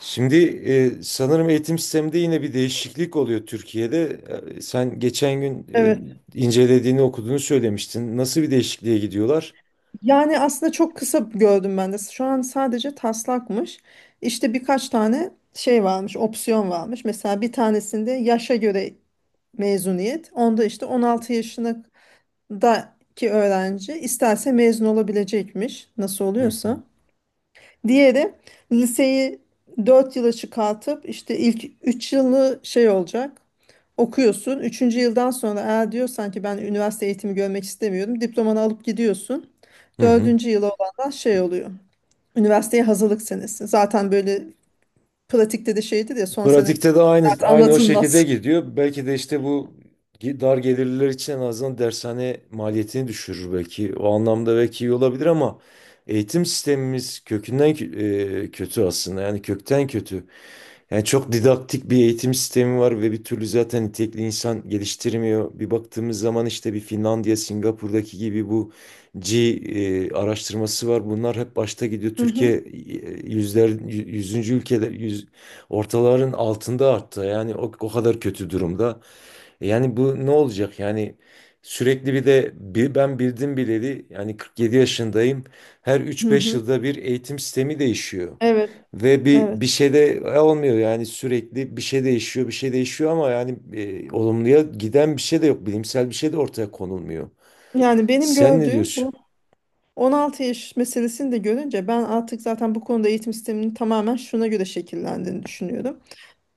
Şimdi sanırım eğitim sisteminde yine bir değişiklik oluyor Türkiye'de. Sen geçen gün Evet. İncelediğini okuduğunu söylemiştin. Nasıl bir değişikliğe gidiyorlar? Yani aslında çok kısa gördüm ben de. Şu an sadece taslakmış. İşte birkaç tane şey varmış, opsiyon varmış. Mesela bir tanesinde yaşa göre mezuniyet. Onda işte 16 yaşındaki öğrenci isterse mezun olabilecekmiş. Nasıl Hı hı. oluyorsa. Diğeri liseyi 4 yıla çıkartıp işte ilk 3 yılı şey olacak. Okuyorsun. Üçüncü yıldan sonra eğer diyorsan ki ben üniversite eğitimi görmek istemiyorum. Diplomanı alıp gidiyorsun. Hı hı. Dördüncü yıla olanlar şey oluyor. Üniversiteye hazırlık senesi. Zaten böyle pratikte de şeydir ya son sene Pratikte de aynı zaten aynı o şekilde anlatılmaz. gidiyor. Belki de işte bu dar gelirliler için en azından dershane maliyetini düşürür belki. O anlamda belki iyi olabilir ama eğitim sistemimiz kökünden kötü aslında. Yani kökten kötü. Yani çok didaktik bir eğitim sistemi var ve bir türlü zaten nitelikli insan geliştirmiyor. Bir baktığımız zaman işte bir Finlandiya, Singapur'daki gibi bu araştırması var. Bunlar hep başta gidiyor. Hı hı. Türkiye yüzler, yüzüncü ülkeler, yüz, ortaların altında arttı. Yani o kadar kötü durumda. Yani bu ne olacak? Yani sürekli bir de ben bildim bileli yani 47 yaşındayım. Her Hı 3-5 hı. yılda bir eğitim sistemi değişiyor. Evet, Ve bir evet. şey de olmuyor yani sürekli bir şey değişiyor, bir şey değişiyor ama yani olumluya giden bir şey de yok. Bilimsel bir şey de ortaya konulmuyor. Yani benim Sen ne gördüğüm diyorsun? bu 16 yaş meselesini de görünce ben artık zaten bu konuda eğitim sisteminin tamamen şuna göre şekillendiğini düşünüyorum.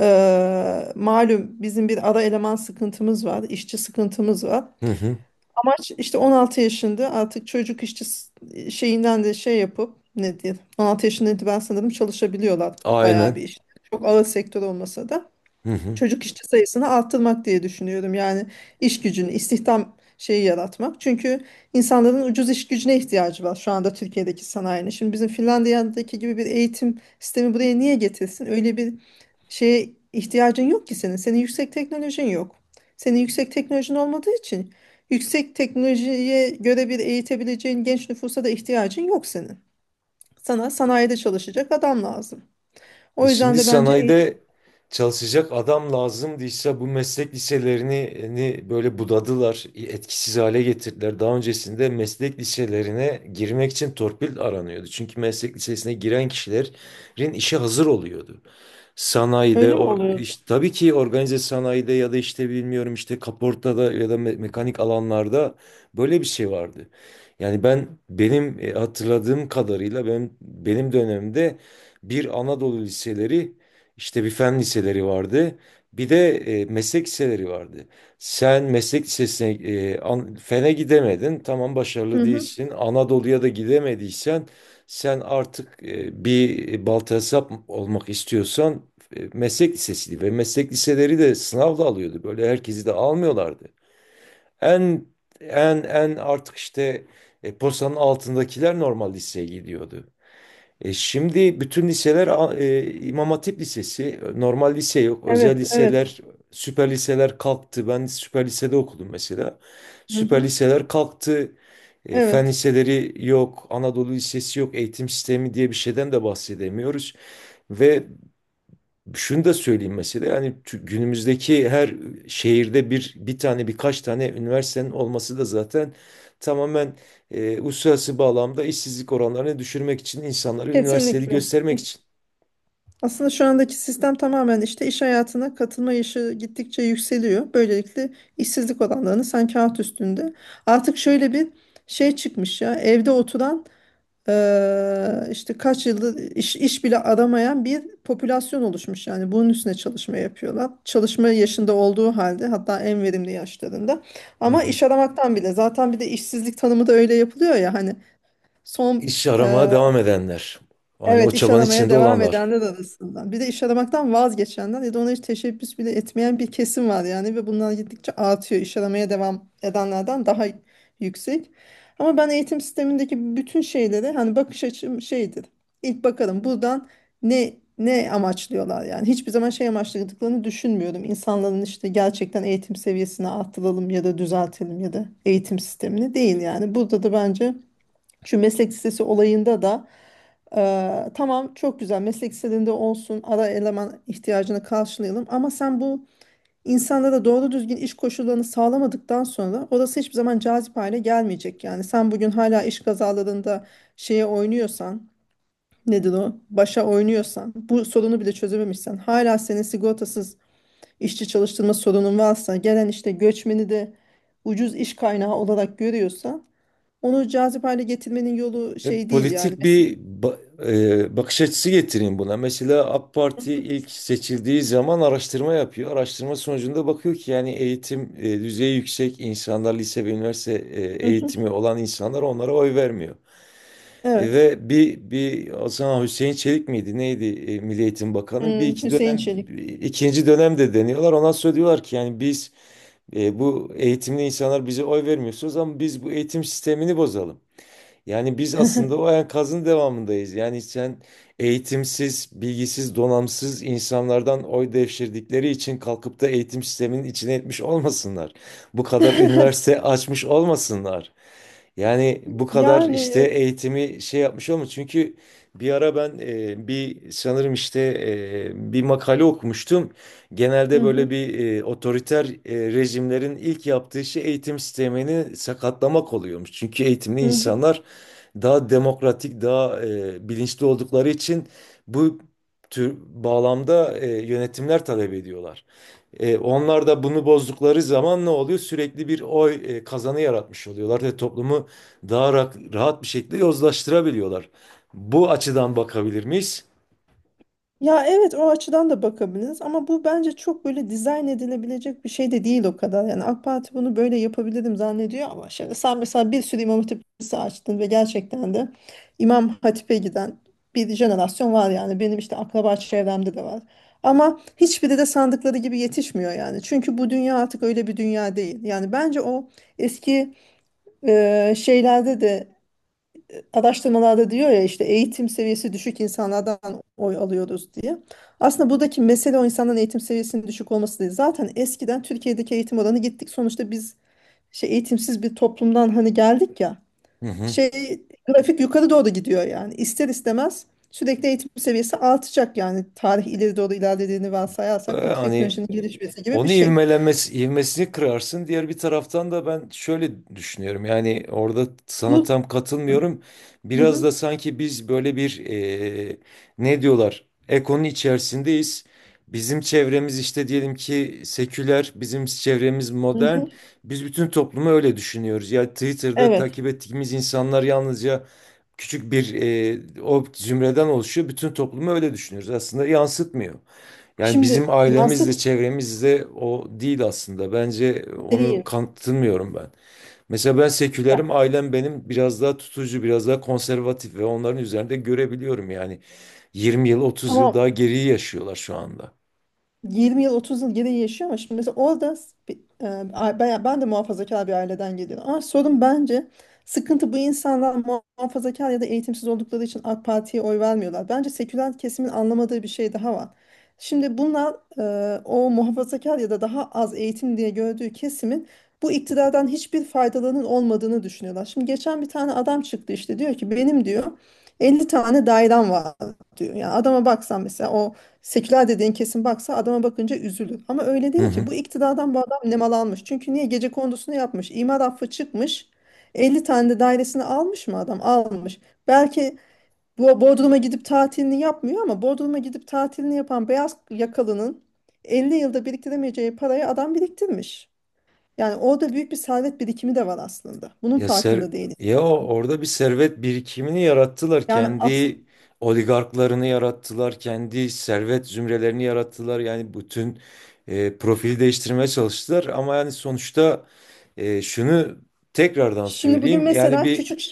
Malum bizim bir ara eleman sıkıntımız var, işçi sıkıntımız var. Hı hı. Amaç işte 16 yaşında artık çocuk işçi şeyinden de şey yapıp ne diye 16 yaşında ben sanırım çalışabiliyorlar bayağı bir Aynen. iş. Çok ağır sektör olmasa da Hı hı. çocuk işçi sayısını arttırmak diye düşünüyorum. Yani iş gücünü, istihdam şeyi yaratmak. Çünkü insanların ucuz iş gücüne ihtiyacı var şu anda Türkiye'deki sanayinin. Şimdi bizim Finlandiya'daki gibi bir eğitim sistemi buraya niye getirsin? Öyle bir şeye ihtiyacın yok ki senin. Senin yüksek teknolojin yok. Senin yüksek teknolojin olmadığı için yüksek teknolojiye göre bir eğitebileceğin genç nüfusa da ihtiyacın yok senin. Sana sanayide çalışacak adam lazım. E O yüzden şimdi de bence eğitim. sanayide çalışacak adam lazım diyse bu meslek liselerini hani böyle budadılar, etkisiz hale getirdiler. Daha öncesinde meslek liselerine girmek için torpil aranıyordu. Çünkü meslek lisesine giren kişilerin işe hazır oluyordu. Sanayide, Öyle mi oluyordu? tabii ki organize sanayide ya da işte bilmiyorum işte kaportada ya da mekanik alanlarda böyle bir şey vardı. Yani benim hatırladığım kadarıyla benim dönemimde bir Anadolu liseleri işte bir fen liseleri vardı. Bir de meslek liseleri vardı. Sen meslek lisesine fene gidemedin. Tamam Hı başarılı hı. değilsin. Anadolu'ya da gidemediysen sen artık bir balta hesap olmak istiyorsan meslek lisesiydi ve meslek liseleri de sınavla alıyordu. Böyle herkesi de almıyorlardı. En en artık işte postanın altındakiler normal liseye gidiyordu. Şimdi bütün liseler İmam Hatip Lisesi, normal lise yok, Evet, özel evet. liseler, süper liseler kalktı. Ben süper lisede okudum mesela. Hı Süper hı. liseler kalktı. Fen Evet, liseleri yok, Anadolu Lisesi yok, eğitim sistemi diye bir şeyden de bahsedemiyoruz. Ve şunu da söyleyeyim mesela yani günümüzdeki her şehirde bir tane birkaç tane üniversitenin olması da zaten tamamen uluslararası bağlamda işsizlik oranlarını düşürmek için insanları üniversiteli kesinlikle. göstermek için. Aslında şu andaki sistem tamamen işte iş hayatına katılma yaşı gittikçe yükseliyor. Böylelikle işsizlik oranlarını sen kağıt üstünde. Artık şöyle bir şey çıkmış ya evde oturan işte kaç yıldır iş bile aramayan bir popülasyon oluşmuş. Yani bunun üstüne çalışma yapıyorlar. Çalışma yaşında olduğu halde hatta en verimli yaşlarında. Hı Ama hı. iş aramaktan bile zaten bir de işsizlik tanımı da öyle yapılıyor ya hani son. İş aramaya devam edenler. Hani o Evet, iş çabanın aramaya içinde devam olanlar. edenler arasından. Bir de iş aramaktan vazgeçenler ya da ona hiç teşebbüs bile etmeyen bir kesim var yani ve bunlar gittikçe artıyor. İş aramaya devam edenlerden daha yüksek. Ama ben eğitim sistemindeki bütün şeyleri hani bakış açım şeydir. İlk bakalım buradan ne ne amaçlıyorlar yani. Hiçbir zaman şey amaçladıklarını düşünmüyorum. İnsanların işte gerçekten eğitim seviyesini arttıralım ya da düzeltelim ya da eğitim sistemini değil yani. Burada da bence şu meslek lisesi olayında da tamam çok güzel meslek liselerinde olsun ara eleman ihtiyacını karşılayalım ama sen bu insanlara doğru düzgün iş koşullarını sağlamadıktan sonra orası hiçbir zaman cazip hale gelmeyecek. Yani sen bugün hala iş kazalarında şeye oynuyorsan nedir o başa oynuyorsan bu sorunu bile çözememişsen hala senin sigortasız işçi çalıştırma sorunun varsa gelen işte göçmeni de ucuz iş kaynağı olarak görüyorsa. Onu cazip hale getirmenin yolu E, şey değil yani. politik bir ba- e, bakış açısı getireyim buna. Mesela AK Parti ilk seçildiği zaman araştırma yapıyor. Araştırma sonucunda bakıyor ki yani eğitim düzeyi yüksek insanlar, lise ve üniversite Hı hı. eğitimi olan insanlar onlara oy vermiyor. E, Evet. ve bir bir o zaman Hüseyin Çelik miydi? Neydi? Milli Eğitim Bakanı. Bir Hmm, iki Hüseyin dönem Çelik. ikinci dönemde deniyorlar. Ondan sonra diyorlar ki yani biz bu eğitimli insanlar bize oy vermiyorsunuz ama biz bu eğitim sistemini bozalım. Yani biz aslında o enkazın devamındayız. Yani sen eğitimsiz, bilgisiz, donamsız insanlardan oy devşirdikleri için kalkıp da eğitim sisteminin içine etmiş olmasınlar. Bu kadar üniversite açmış olmasınlar. Yani bu kadar işte Yani. eğitimi şey yapmış olmuş. Çünkü bir ara ben bir sanırım işte bir makale okumuştum. Hı Genelde böyle hı. bir otoriter rejimlerin ilk yaptığı şey eğitim sistemini sakatlamak oluyormuş. Çünkü eğitimli Hı hı. insanlar daha demokratik, daha bilinçli oldukları için bu tür bağlamda yönetimler talep ediyorlar. Onlar da bunu bozdukları zaman ne oluyor? Sürekli bir oy kazanı yaratmış oluyorlar ve toplumu daha rahat bir şekilde yozlaştırabiliyorlar. Bu açıdan bakabilir miyiz? Ya evet, o açıdan da bakabiliriz ama bu bence çok böyle dizayn edilebilecek bir şey de değil o kadar. Yani AK Parti bunu böyle yapabilirim zannediyor ama şimdi sen mesela bir sürü İmam Hatip Lisesi açtın ve gerçekten de İmam Hatip'e giden bir jenerasyon var yani benim işte akraba çevremde de var. Ama hiçbiri de sandıkları gibi yetişmiyor yani. Çünkü bu dünya artık öyle bir dünya değil. Yani bence o eski şeylerde de araştırmalarda diyor ya işte eğitim seviyesi düşük insanlardan oy alıyoruz diye. Aslında buradaki mesele o insanların eğitim seviyesinin düşük olması değil. Zaten eskiden Türkiye'deki eğitim oranı gittik. Sonuçta biz şey eğitimsiz bir toplumdan hani geldik ya. Hı hı. Şey grafik yukarı doğru gidiyor yani. İster istemez sürekli eğitim seviyesi artacak yani. Tarih ileri doğru ilerlediğini varsayarsak bu Hani teknolojinin gelişmesi gibi bir onu şey. ivmelenmesi, ivmesini kırarsın. Diğer bir taraftan da ben şöyle düşünüyorum. Yani orada sana Bu. tam katılmıyorum. Hı Biraz hı, da sanki biz böyle bir e, ne diyorlar? Ekonun içerisindeyiz. Bizim çevremiz işte diyelim ki seküler, bizim çevremiz hı modern. hı. Biz bütün toplumu öyle düşünüyoruz. Ya Twitter'da Evet. takip ettiğimiz insanlar yalnızca küçük bir o zümreden oluşuyor. Bütün toplumu öyle düşünüyoruz. Aslında yansıtmıyor. Yani bizim Şimdi ailemizle yansıt çevremizle o değil aslında. Bence değil. onu kanıtlamıyorum ben. Mesela ben Ya, sekülerim, ailem benim biraz daha tutucu, biraz daha konservatif ve onların üzerinde görebiliyorum yani. 20 yıl, 30 yıl tamam, daha geriye yaşıyorlar şu anda. 20 yıl 30 yıl geriye yaşıyor ama şimdi mesela orada ben de muhafazakar bir aileden geliyorum. Ama sorun bence sıkıntı bu insanlar muhafazakar ya da eğitimsiz oldukları için AK Parti'ye oy vermiyorlar. Bence seküler kesimin anlamadığı bir şey daha var. Şimdi bunlar o muhafazakar ya da daha az eğitim diye gördüğü kesimin bu iktidardan hiçbir faydalarının olmadığını düşünüyorlar. Şimdi geçen bir tane adam çıktı işte diyor ki benim diyor 50 tane dairem var diyor. Yani adama baksan mesela o seküler dediğin kesin baksa adama bakınca üzülür. Ama öyle Hı değil ki. hı. Bu iktidardan bu adam nemalanmış. Çünkü niye? Gece kondusunu yapmış. İmar affı çıkmış. 50 tane de dairesini almış mı adam? Almış. Belki bu Bodrum'a gidip tatilini yapmıyor ama Bodrum'a gidip tatilini yapan beyaz yakalının 50 yılda biriktiremeyeceği parayı adam biriktirmiş. Yani orada büyük bir servet birikimi de var aslında. Bunun Ya ser farkında değiliz. orada bir servet birikimini yarattılar. Yani aslında Kendi oligarklarını yarattılar, kendi servet zümrelerini yarattılar. Yani bütün profili değiştirmeye çalıştılar ama yani sonuçta şunu tekrardan şimdi bugün söyleyeyim. Yani mesela bir küçük.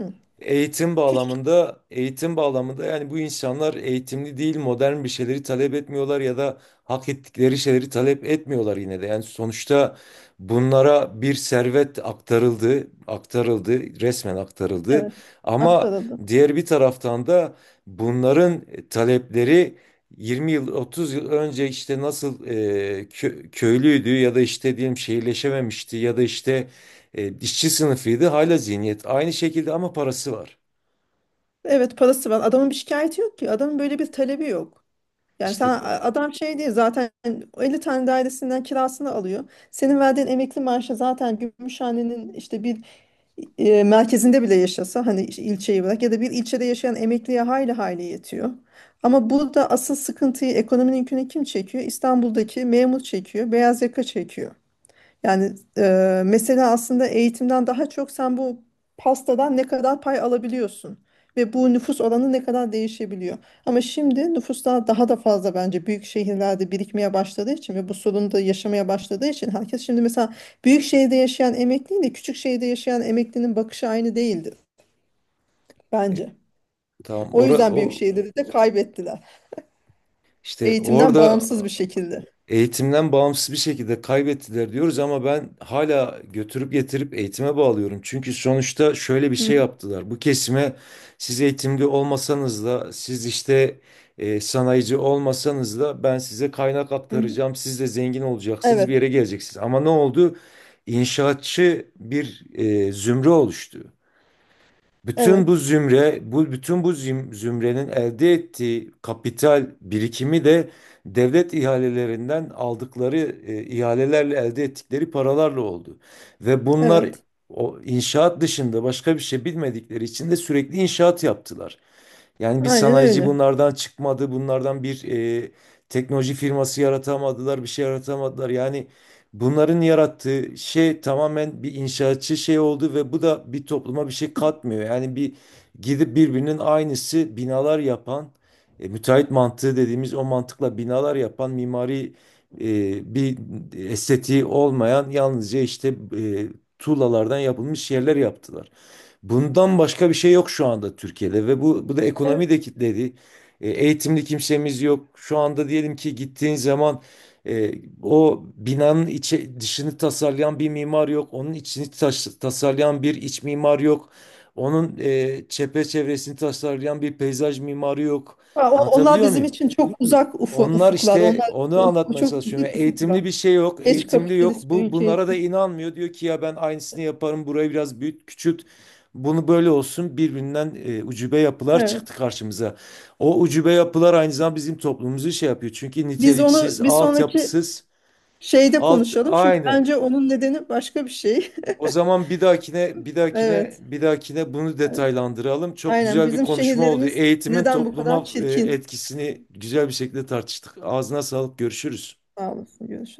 Hı, Eğitim küçük bağlamında, eğitim bağlamında yani bu insanlar eğitimli değil, modern bir şeyleri talep etmiyorlar ya da hak ettikleri şeyleri talep etmiyorlar yine de. Yani sonuçta bunlara bir servet aktarıldı, aktarıldı, resmen aktarıldı. evet Ama aktarıldı. diğer bir taraftan da bunların talepleri 20 yıl, 30 yıl önce işte nasıl köylüydü ya da işte diyelim şehirleşememişti ya da işte işçi sınıfıydı hala zihniyet aynı şekilde ama parası var. Evet, parası var. Adamın bir şikayeti yok ki. Adamın böyle bir talebi yok. Yani sen İşte adam şey değil zaten 50 tane dairesinden kirasını alıyor. Senin verdiğin emekli maaşı zaten Gümüşhane'nin işte bir merkezinde bile yaşasa hani işte ilçeyi bırak ya da bir ilçede yaşayan emekliye hayli hayli yetiyor. Ama burada asıl sıkıntıyı ekonominin yükünü kim çekiyor? İstanbul'daki memur çekiyor, beyaz yaka çekiyor. Yani mesele aslında eğitimden daha çok sen bu pastadan ne kadar pay alabiliyorsun ve bu nüfus oranı ne kadar değişebiliyor. Ama şimdi nüfuslar daha da fazla bence büyük şehirlerde birikmeye başladığı için ve bu sorunu da yaşamaya başladığı için herkes şimdi mesela büyük şehirde yaşayan emekliyle küçük şehirde yaşayan emeklinin bakışı aynı değildir e, bence. tamam O ora yüzden büyük o şehirleri de kaybettiler. işte Eğitimden orada bağımsız bir şekilde. eğitimden bağımsız bir şekilde kaybettiler diyoruz ama ben hala götürüp getirip eğitime bağlıyorum. Çünkü sonuçta şöyle bir Hı şey hı. yaptılar. Bu kesime siz eğitimli olmasanız da siz işte sanayici olmasanız da ben size kaynak Hı hı. aktaracağım. Siz de zengin olacaksınız, bir Evet, yere geleceksiniz. Ama ne oldu? İnşaatçı bir zümre oluştu. Bütün bu evet, zümre, bu bütün bu zümrenin elde ettiği kapital birikimi de devlet ihalelerinden aldıkları ihalelerle elde ettikleri paralarla oldu. Ve bunlar evet. o inşaat dışında başka bir şey bilmedikleri için de sürekli inşaat yaptılar. Yani bir Aynen sanayici öyle. bunlardan çıkmadı. Bunlardan bir e, teknoloji firması yaratamadılar, bir şey yaratamadılar. Yani bunların yarattığı şey tamamen bir inşaatçı şey oldu ve bu da bir topluma bir şey katmıyor. Yani bir gidip birbirinin aynısı binalar yapan, müteahhit mantığı dediğimiz o mantıkla binalar yapan mimari bir estetiği olmayan yalnızca işte e, tuğlalardan yapılmış yerler yaptılar. Bundan başka bir şey yok şu anda Türkiye'de ve bu da ekonomi de kilitledi. Eğitimli kimsemiz yok. Şu anda diyelim ki gittiğin zaman e, o binanın içi, dışını tasarlayan bir mimar yok. Onun içini tasarlayan bir iç mimar yok. Onun çevresini tasarlayan bir peyzaj mimarı yok. Ha, onlar Anlatabiliyor bizim muyum? için çok uzak Onlar ufuklar. işte Onlar onu anlatmaya çok çalışıyorum. uzak Yani eğitimli ufuklar. bir şey yok, Geç eğitimli yok. kapitalist bir Bu ülke bunlara da için. inanmıyor. Diyor ki ya ben aynısını yaparım. Burayı biraz büyüt, küçült. Bunu böyle olsun. Birbirinden ucube yapılar Evet. çıktı karşımıza. O ucube yapılar aynı zamanda bizim toplumumuzu şey yapıyor. Çünkü Biz niteliksiz, onu bir sonraki altyapısız, şeyde alt konuşalım. Çünkü aynı. bence onun nedeni başka bir şey. O zaman bir dahakine, bir dahakine, Evet. bir dahakine bunu detaylandıralım. Çok Aynen. güzel bir Bizim konuşma oldu. şehirlerimiz Eğitimin neden bu kadar topluma çirkin? etkisini güzel bir şekilde tartıştık. Ağzına sağlık. Görüşürüz. Sağ olasın. Görüşürüz.